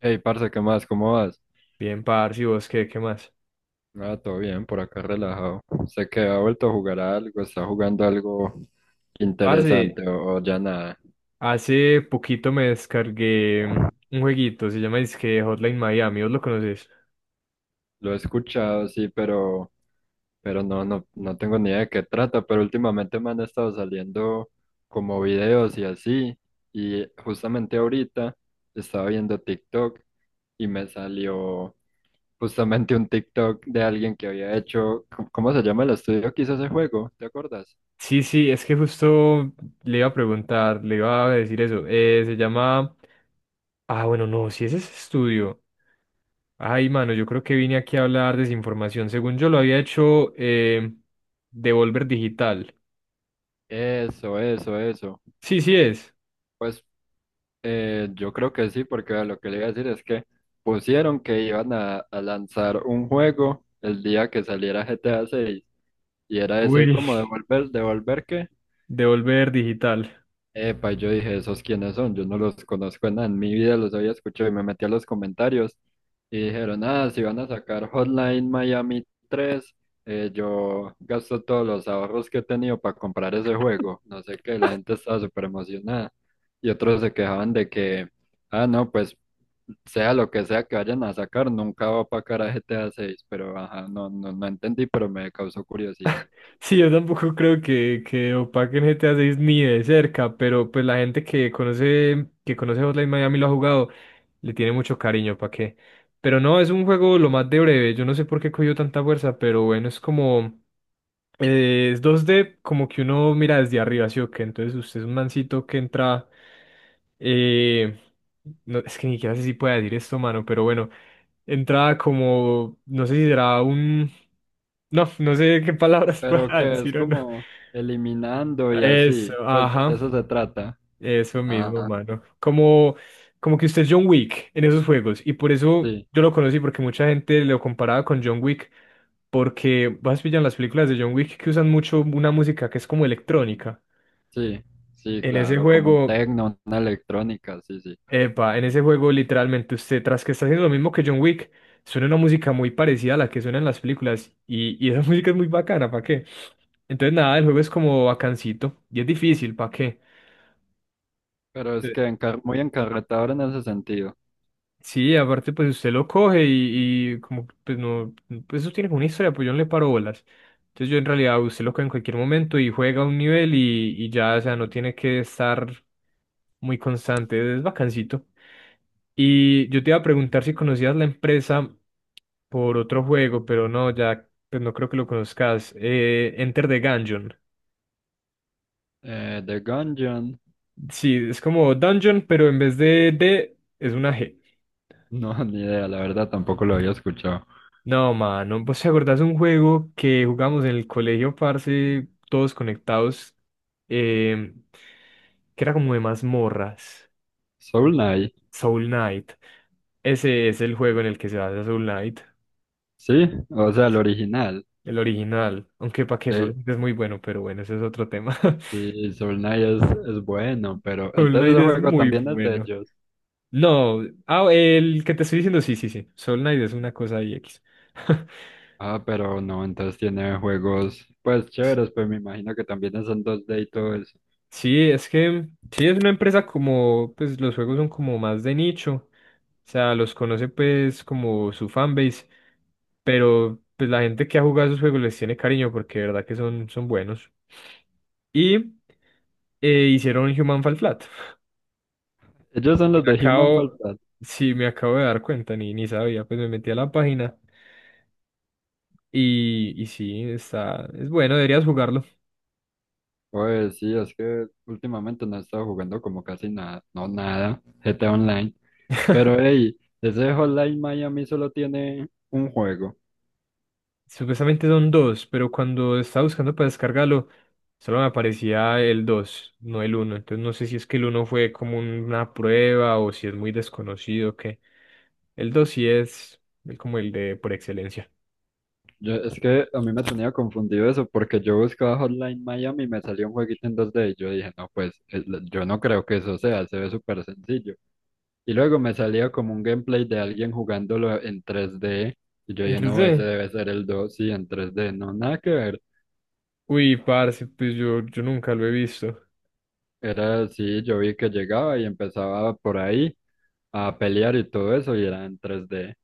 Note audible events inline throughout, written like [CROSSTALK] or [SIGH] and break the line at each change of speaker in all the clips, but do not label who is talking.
Hey, parce, ¿qué más? ¿Cómo vas?
Bien, parce, ¿y vos qué más?
Ah, todo bien, por acá relajado. ¿Sé que ha vuelto a jugar a algo? ¿Está jugando algo
Parce,
interesante o ya nada?
hace poquito me descargué un jueguito, se llama dizque Hotline Miami, ¿vos lo conoces?
Lo he escuchado, sí, pero no tengo ni idea de qué trata, pero últimamente me han estado saliendo como videos y así, y justamente ahorita estaba viendo TikTok y me salió justamente un TikTok de alguien que había hecho, ¿cómo se llama el estudio que hizo ese juego? ¿Te acuerdas?
Sí, sí, es que justo le iba a preguntar, le iba a decir eso. Se llama... Ah, bueno, no, si ese es estudio. Ay, mano, yo creo que vine aquí a hablar desinformación. Según yo lo había hecho, Devolver Digital.
Eso, eso, eso.
Sí, sí es.
Pues yo creo que sí, porque lo que le iba a decir es que pusieron que iban a lanzar un juego el día que saliera GTA 6 y era ese
Uy.
como
[LAUGHS]
devolver qué.
Devolver Digital.
Epa, y yo dije, ¿esos quiénes son? Yo no los conozco en nada, en mi vida los había escuchado y me metí a los comentarios y dijeron, ah, si van a sacar Hotline Miami tres, yo gasto todos los ahorros que he tenido para comprar ese juego. No sé qué, la gente estaba súper emocionada y otros se quejaban de que... Ah, no, pues sea lo que sea que vayan a sacar, nunca va para cara a GTA 6, pero ajá, no entendí, pero me causó curiosidad.
Sí, yo tampoco creo que opaquen GTA 6 ni de cerca, pero pues la gente que conoce Hotline Miami y lo ha jugado, le tiene mucho cariño, ¿para qué? Pero no, es un juego lo más de breve, yo no sé por qué cogió tanta fuerza, pero bueno, es como, es 2D como que uno mira desde arriba, ¿sí o qué? Entonces usted es un mancito que entra. eh, no, es que ni siquiera sé si pueda decir esto, mano, pero bueno. Entra como. No sé si será un. No, no sé qué palabras [LAUGHS]
Pero
pueda
que es
decir o no.
como eliminando y
Eso,
así, pues
ajá.
de eso se trata.
Eso mismo,
Ajá,
mano. Como que usted es John Wick en esos juegos. Y por eso
sí,
yo lo conocí, porque mucha gente lo comparaba con John Wick. Porque vas pillan las películas de John Wick que usan mucho una música que es como electrónica.
sí, sí,
En ese
claro, como un
juego,
techno, una electrónica, sí, sí.
en ese juego literalmente usted, tras que está haciendo lo mismo que John Wick, suena una música muy parecida a la que suena en las películas. Y esa [LAUGHS] música es muy bacana, ¿para qué? Entonces nada, el juego es como bacancito. Y es difícil, ¿para qué?
Pero es que muy encarretador en ese sentido.
Sí, aparte pues usted lo coge y como que, pues no, pues eso tiene como una historia, pues yo no le paro bolas. Entonces yo en realidad usted lo coge en cualquier momento y juega un nivel y ya, o sea, no tiene que estar muy constante, es bacancito. Y yo te iba a preguntar si conocías la empresa por otro juego, pero no, ya, pues no creo que lo conozcas. Enter the Gungeon.
The Gungeon,
Sí, es como Dungeon, pero en vez de D es una G.
no, [LAUGHS] ni idea, la verdad tampoco lo había escuchado.
No, mano, ¿vos te acordás de un juego que jugamos en el colegio, parce, todos conectados, eh, que era como de mazmorras? Mm.
Soul Knight,
Soul Knight. Ese es el juego en el que se basa Soul Knight,
sí, o sea, el original.
el original. Aunque para que Soul
Eh,
Knight es muy bueno, pero bueno, ese es otro tema. [LAUGHS]
Sí, es bueno, pero
Soul
entonces
Knight
el
es
juego
muy
también es de
bueno.
ellos.
No, el que te estoy diciendo, sí, sí, sí. Soul Knight es una cosa ahí X. [LAUGHS]
Ah, pero no, entonces tiene juegos pues chéveres, pues me imagino que también son 2D y todo eso.
Sí, es que sí es una empresa como, pues los juegos son como más de nicho, o sea, los conoce pues como su fanbase, pero pues la gente que ha jugado esos juegos les tiene cariño porque de verdad que son, son buenos. Y hicieron Human Fall Flat.
Ellos son los
Me
de Human Fall
acabo,
Flat.
sí, me acabo de dar cuenta, ni sabía, pues me metí a la página y sí, es bueno, deberías jugarlo.
Pues sí, es que últimamente no he estado jugando como casi nada, no nada, GTA Online. Pero hey, ese Hotline Miami solo tiene un juego.
Supuestamente son dos, pero cuando estaba buscando para descargarlo, solo me aparecía el 2 no el uno. Entonces no sé si es que el uno fue como una prueba o si es muy desconocido o qué. El 2 sí es el- como el de por excelencia.
Yo, es que a mí me tenía confundido eso, porque yo buscaba Hotline Miami y me salió un jueguito en 2D y yo dije, no, yo no creo que eso sea, se ve súper sencillo. Y luego me salía como un gameplay de alguien jugándolo en 3D y yo dije, no, ese
Entonces,
debe ser el 2 sí, en 3D no, nada que ver.
uy, parce, pues yo nunca lo he visto.
Era así, yo vi que llegaba y empezaba por ahí a pelear y todo eso y era en 3D.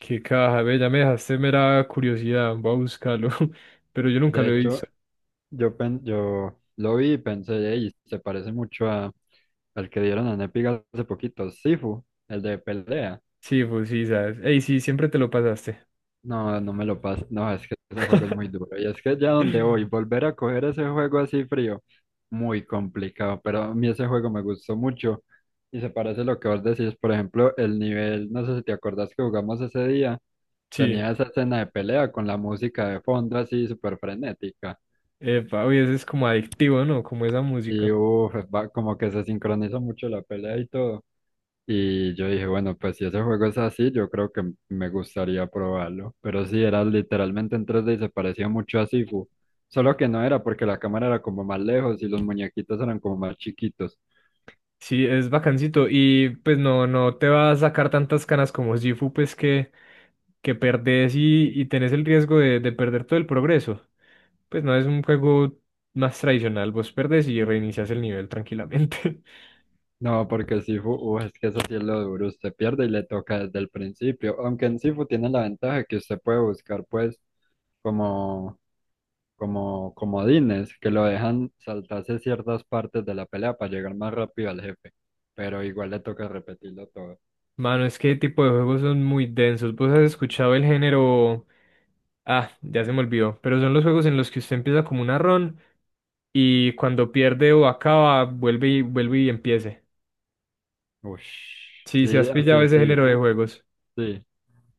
Qué caja, ve, ya me dejaste mera curiosidad, voy a buscarlo. [LAUGHS] Pero yo nunca
De
lo he visto.
hecho, yo lo vi y pensé, y se parece mucho el que dieron en Epic hace poquito, Sifu, el de pelea.
Sí, pues sí, sabes. Ey, sí, siempre te lo pasaste. [CLEARS THROAT]
No, no me lo paso. No, es que ese juego es muy duro. Y es que ya donde voy,
[LAUGHS]
volver a coger ese juego así frío, muy complicado. Pero a mí ese juego me gustó mucho. Y se parece a lo que vos decís, por ejemplo, el nivel, no sé si te acordás que jugamos ese día,
Sí,
tenía esa escena de pelea con la música de fondo así súper frenética.
epa, oye, eso es como adictivo, ¿no? Como esa
Y
música.
uff, como que se sincronizó mucho la pelea y todo. Y yo dije, bueno, pues si ese juego es así, yo creo que me gustaría probarlo. Pero sí, era literalmente en 3D y se parecía mucho a Sifu. Solo que no era porque la cámara era como más lejos y los muñequitos eran como más chiquitos.
Sí, es bacancito. Y pues no, no te va a sacar tantas canas como Sifu, pues que perdés, y tenés el riesgo de perder todo el progreso. Pues no es un juego más tradicional, vos perdés y reinicias el nivel tranquilamente.
No, porque Sifu, es que eso sí es lo duro. Usted pierde y le toca desde el principio. Aunque en Sifu tiene la ventaja que usted puede buscar, pues, como, como comodines que lo dejan saltarse ciertas partes de la pelea para llegar más rápido al jefe. Pero igual le toca repetirlo todo.
[LAUGHS] Mano, es que tipo de juegos son muy densos. Vos has escuchado el género. Ah, ya se me olvidó. Pero son los juegos en los que usted empieza como una run y cuando pierde o acaba, vuelve y vuelve y empiece.
Uy,
Sí, si
sí,
has
así,
pillado ese
así,
género de
fu,
juegos.
sí.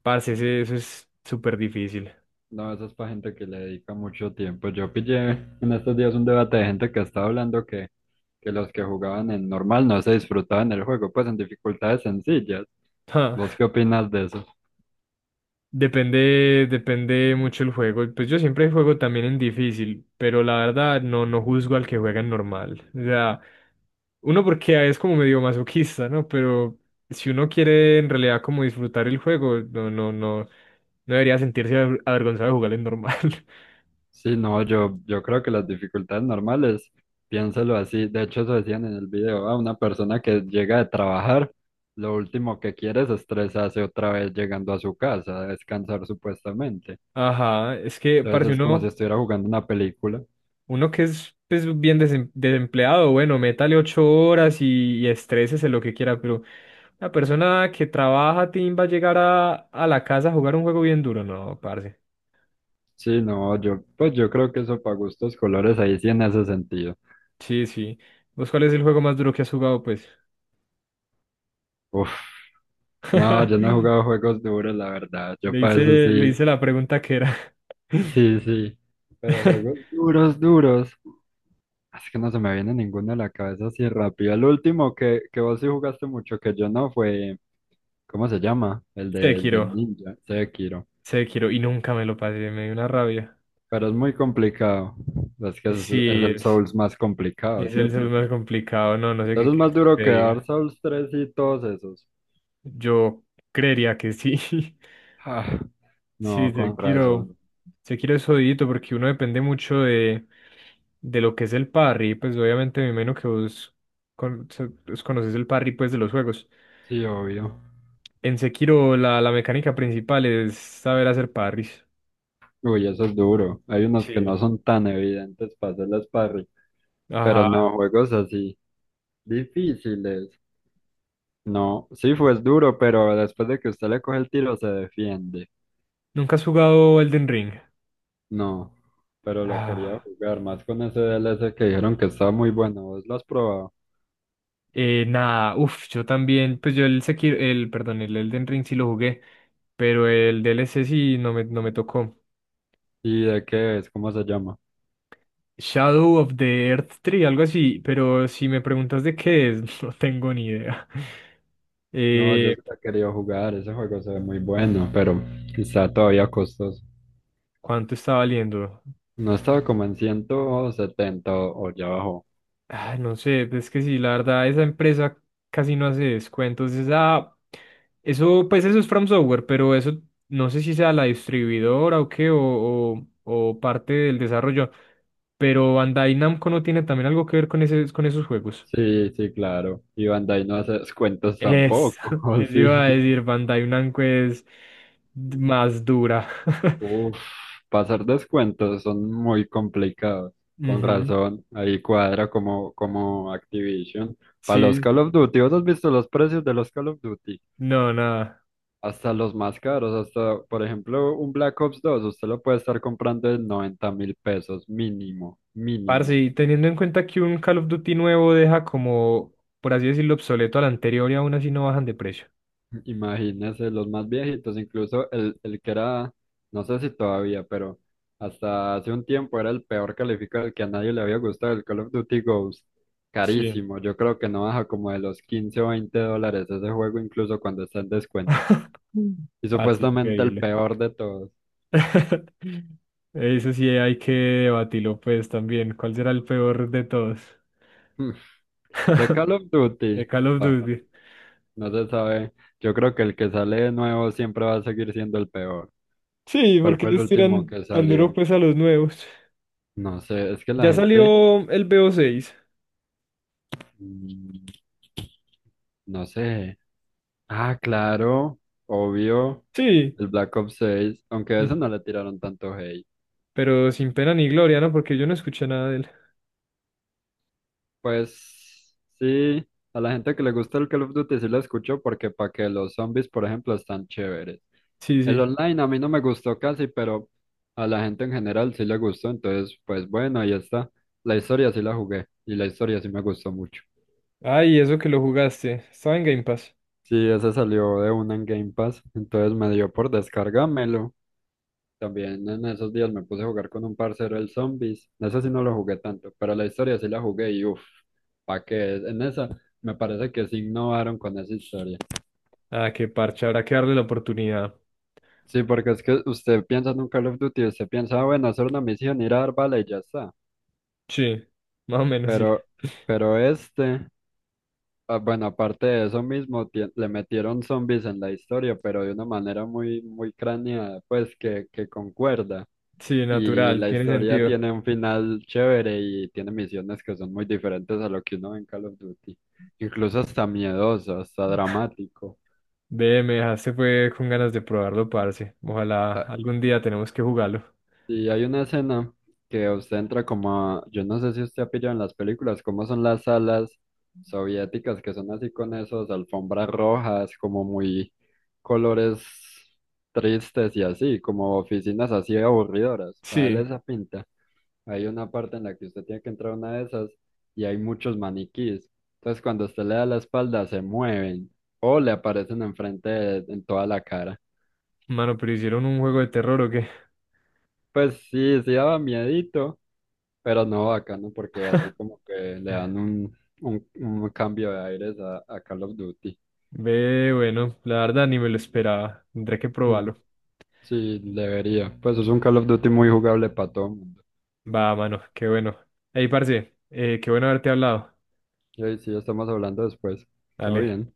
Parce, ese- eso es súper difícil.
No, eso es para gente que le dedica mucho tiempo. Yo pillé [LAUGHS] en estos días un debate de gente que estaba hablando que los que jugaban en normal no se disfrutaban el juego, pues en dificultades sencillas.
Ja,
¿Vos qué opinas de eso?
Depende mucho el juego. Pues yo siempre juego también en difícil, pero la verdad no, no juzgo al que juega en normal. O sea, uno porque es como medio masoquista, ¿no? Pero si uno quiere en realidad como disfrutar el juego, no, no, no, no debería sentirse avergonzado de jugar en normal.
Sí, no, yo creo que las dificultades normales, piénselo así. De hecho, eso decían en el video, a una persona que llega de trabajar, lo último que quiere es estresarse otra vez llegando a su casa, a descansar supuestamente.
[LAUGHS] Ajá, es que parce,
Entonces es como si
uno,
estuviera jugando una película.
uno que es pues, bien desempleado, bueno, métale 8 horas y estrésese lo que quiera, pero la persona que trabaja, Tim, va a llegar a la casa a jugar un juego bien duro. No, parce.
Sí, no, yo, pues yo creo que eso para gustos colores ahí sí en ese sentido.
Sí, sí. ¿Vos cuál es el juego más duro que has jugado, pues?
Uf, no, yo no he
[LAUGHS]
jugado juegos duros, la verdad. Yo
Le
para
hice,
eso
le
sí,
hice la pregunta que era.
sí, sí. Pero juegos
[LAUGHS]
duros, duros. Es que no se me viene ninguno a la cabeza así rápido. El último que vos sí jugaste mucho, que yo no, fue, ¿cómo se llama? El del
Sekiro.
ninja, Sekiro.
Sekiro. Y nunca me lo pasé. Me dio una rabia.
Pero es muy complicado. Es que es
Sí,
el
es,
Souls más complicado,
es el ser
¿cierto?
más complicado. No, no sé qué
Entonces es más
quieres que
duro
te
que Dark
diga.
Souls 3 y todos esos.
Yo creería que sí. [LAUGHS]
Ah,
Sí,
no, con
Sekiro,
razón.
Sekiro es jodidito porque uno depende mucho de lo que es el parry, pues obviamente me imagino que vos pues, conoces el parry pues de los juegos.
Sí, obvio.
En Sekiro la mecánica principal es saber hacer parries.
Uy, eso es duro. Hay unos que no
Sí.
son tan evidentes para hacer las parry, pero
Ajá.
no, juegos así, difíciles. No, sí fue duro, pero después de que usted le coge el tiro se defiende.
¿Nunca has jugado Elden Ring?
No, pero lo quería
Ah,
jugar más con ese DLC que dijeron que está muy bueno. ¿Vos lo has probado?
nada, uff, yo también, pues yo, el Sekiro, el, perdón, el Elden Ring sí lo jugué, pero el DLC sí no me tocó.
¿Y de qué es? ¿Cómo se llama?
Shadow of the Earth Tree, algo así, pero si me preguntas de qué es, [LAUGHS] no tengo ni idea.
No, yo
Eh,
sí lo he querido jugar. Ese juego se ve muy bueno, pero está todavía costoso.
¿Cuánto está valiendo?
No estaba como en 170 o ya abajo.
Ah, no sé, es que sí, la verdad, esa empresa casi no hace descuentos. Eso, pues eso es From Software, pero eso no sé si sea la distribuidora o qué, o parte del desarrollo. Pero Bandai Namco no tiene también algo que ver con esos juegos.
Sí, sí, claro. Y Bandai no hace descuentos
Es, [LAUGHS]
tampoco, [LAUGHS] ¿o
eso iba
sí?
a decir, Pantay Blanco es más dura. [LAUGHS]
Uf, pasar descuentos son muy complicados. Con
Ujú,
razón, ahí cuadra como Activision. Para los
sí,
Call of Duty, ¿vos has visto los precios de los Call of Duty?
no, nada.
Hasta los más caros, hasta, por ejemplo, un Black Ops 2 usted lo puede estar comprando en 90.000 pesos, mínimo,
Parce,
mínimo.
y teniendo en cuenta que un Call of Duty nuevo deja como, por así decirlo, obsoleto al anterior y aún así no bajan de precio.
[LAUGHS] Imagínese, los más viejitos, incluso el que era, no sé si todavía, pero hasta hace un tiempo era el peor calificado, el que a nadie le había gustado, el Call of Duty Ghost.
Sí.
Carísimo, yo creo que no baja como de los 15 o 20 dólares ese juego, incluso cuando está en descuento.
[LAUGHS] Mm.
Y
Parce,
supuestamente el
increíble.
peor de todos. [LAUGHS]
[LAUGHS] Eso sí hay que debatirlo, pues, también. ¿Cuál será el peor de todos?
Hmm, de Call of
De
Duty,
Call of
ah,
Duty.
no se sabe. Yo creo que el que sale de nuevo siempre va a seguir siendo el peor.
Sí,
¿Cuál
porque
fue el
les
último
tiran
que
tan duro,
salió?
pues, a los nuevos?
No sé, es que la
Ya
gente.
salió el BO6.
Mm, no sé. Ah, claro, obvio.
Sí.
El Black Ops 6, aunque a
Mm,
ese no le tiraron tanto hate.
Pero sin pena ni gloria, ¿no? Porque yo no escuché nada de él.
Pues sí, a la gente que le gusta el Call of Duty sí lo escucho porque para que los zombies, por ejemplo, están chéveres.
Sí,
El
sí.
online a mí no me gustó casi, pero a la gente en general sí le gustó, entonces pues bueno, ahí está. La historia sí la jugué y la historia sí me gustó mucho.
Ay, eso que lo jugaste. Estaba en Game Pass.
Sí, ese salió de una en Game Pass, entonces me dio por descargármelo. También en esos días me puse a jugar con un parcero el Zombies. En esa sí no lo jugué tanto, pero la historia sí la jugué y uff, ¿pa' qué? En esa me parece que sí innovaron con esa historia.
Ah, qué parche. Habrá que darle la oportunidad.
Sí, porque es que usted piensa en un Call of Duty, usted piensa, "Ah, bueno, hacer una misión, ir a dar bala y ya está".
Sí. Más o menos sí.
Pero, pero este, ah, bueno, aparte de eso mismo, le metieron zombies en la historia, pero de una manera muy craneada, pues que concuerda.
Sí,
Y
natural.
la
Tiene
historia
sentido.
tiene un final chévere y tiene misiones que son muy diferentes a lo que uno ve en Call of Duty. Incluso hasta miedoso, hasta dramático.
Ve, me dejaste fue con ganas de probarlo, parce. Ojalá
Ah,
algún día tenemos que jugarlo.
y hay una escena que usted entra como yo no sé si usted ha pillado en las películas, cómo son las salas soviéticas que son así con esos alfombras rojas, como muy colores tristes y así, como oficinas así aburridoras, para darle
Sí.
esa pinta. Hay una parte en la que usted tiene que entrar a una de esas y hay muchos maniquís. Entonces, cuando usted le da la espalda, se mueven o le aparecen en toda la cara.
Mano, ¿pero hicieron un juego de terror o qué?
Pues sí, sí daba miedito, pero no bacano porque así
[LAUGHS]
como que le dan un cambio de aires a Call of Duty.
Ve, bueno, la verdad ni me lo esperaba. Tendré que
Mm,
probarlo.
sí, debería. Pues es un Call of Duty muy jugable para todo el mundo.
Va, mano, qué bueno. Ey, parce, qué bueno haberte hablado.
Y ahí sí, estamos hablando después. Todo
Dale.
bien.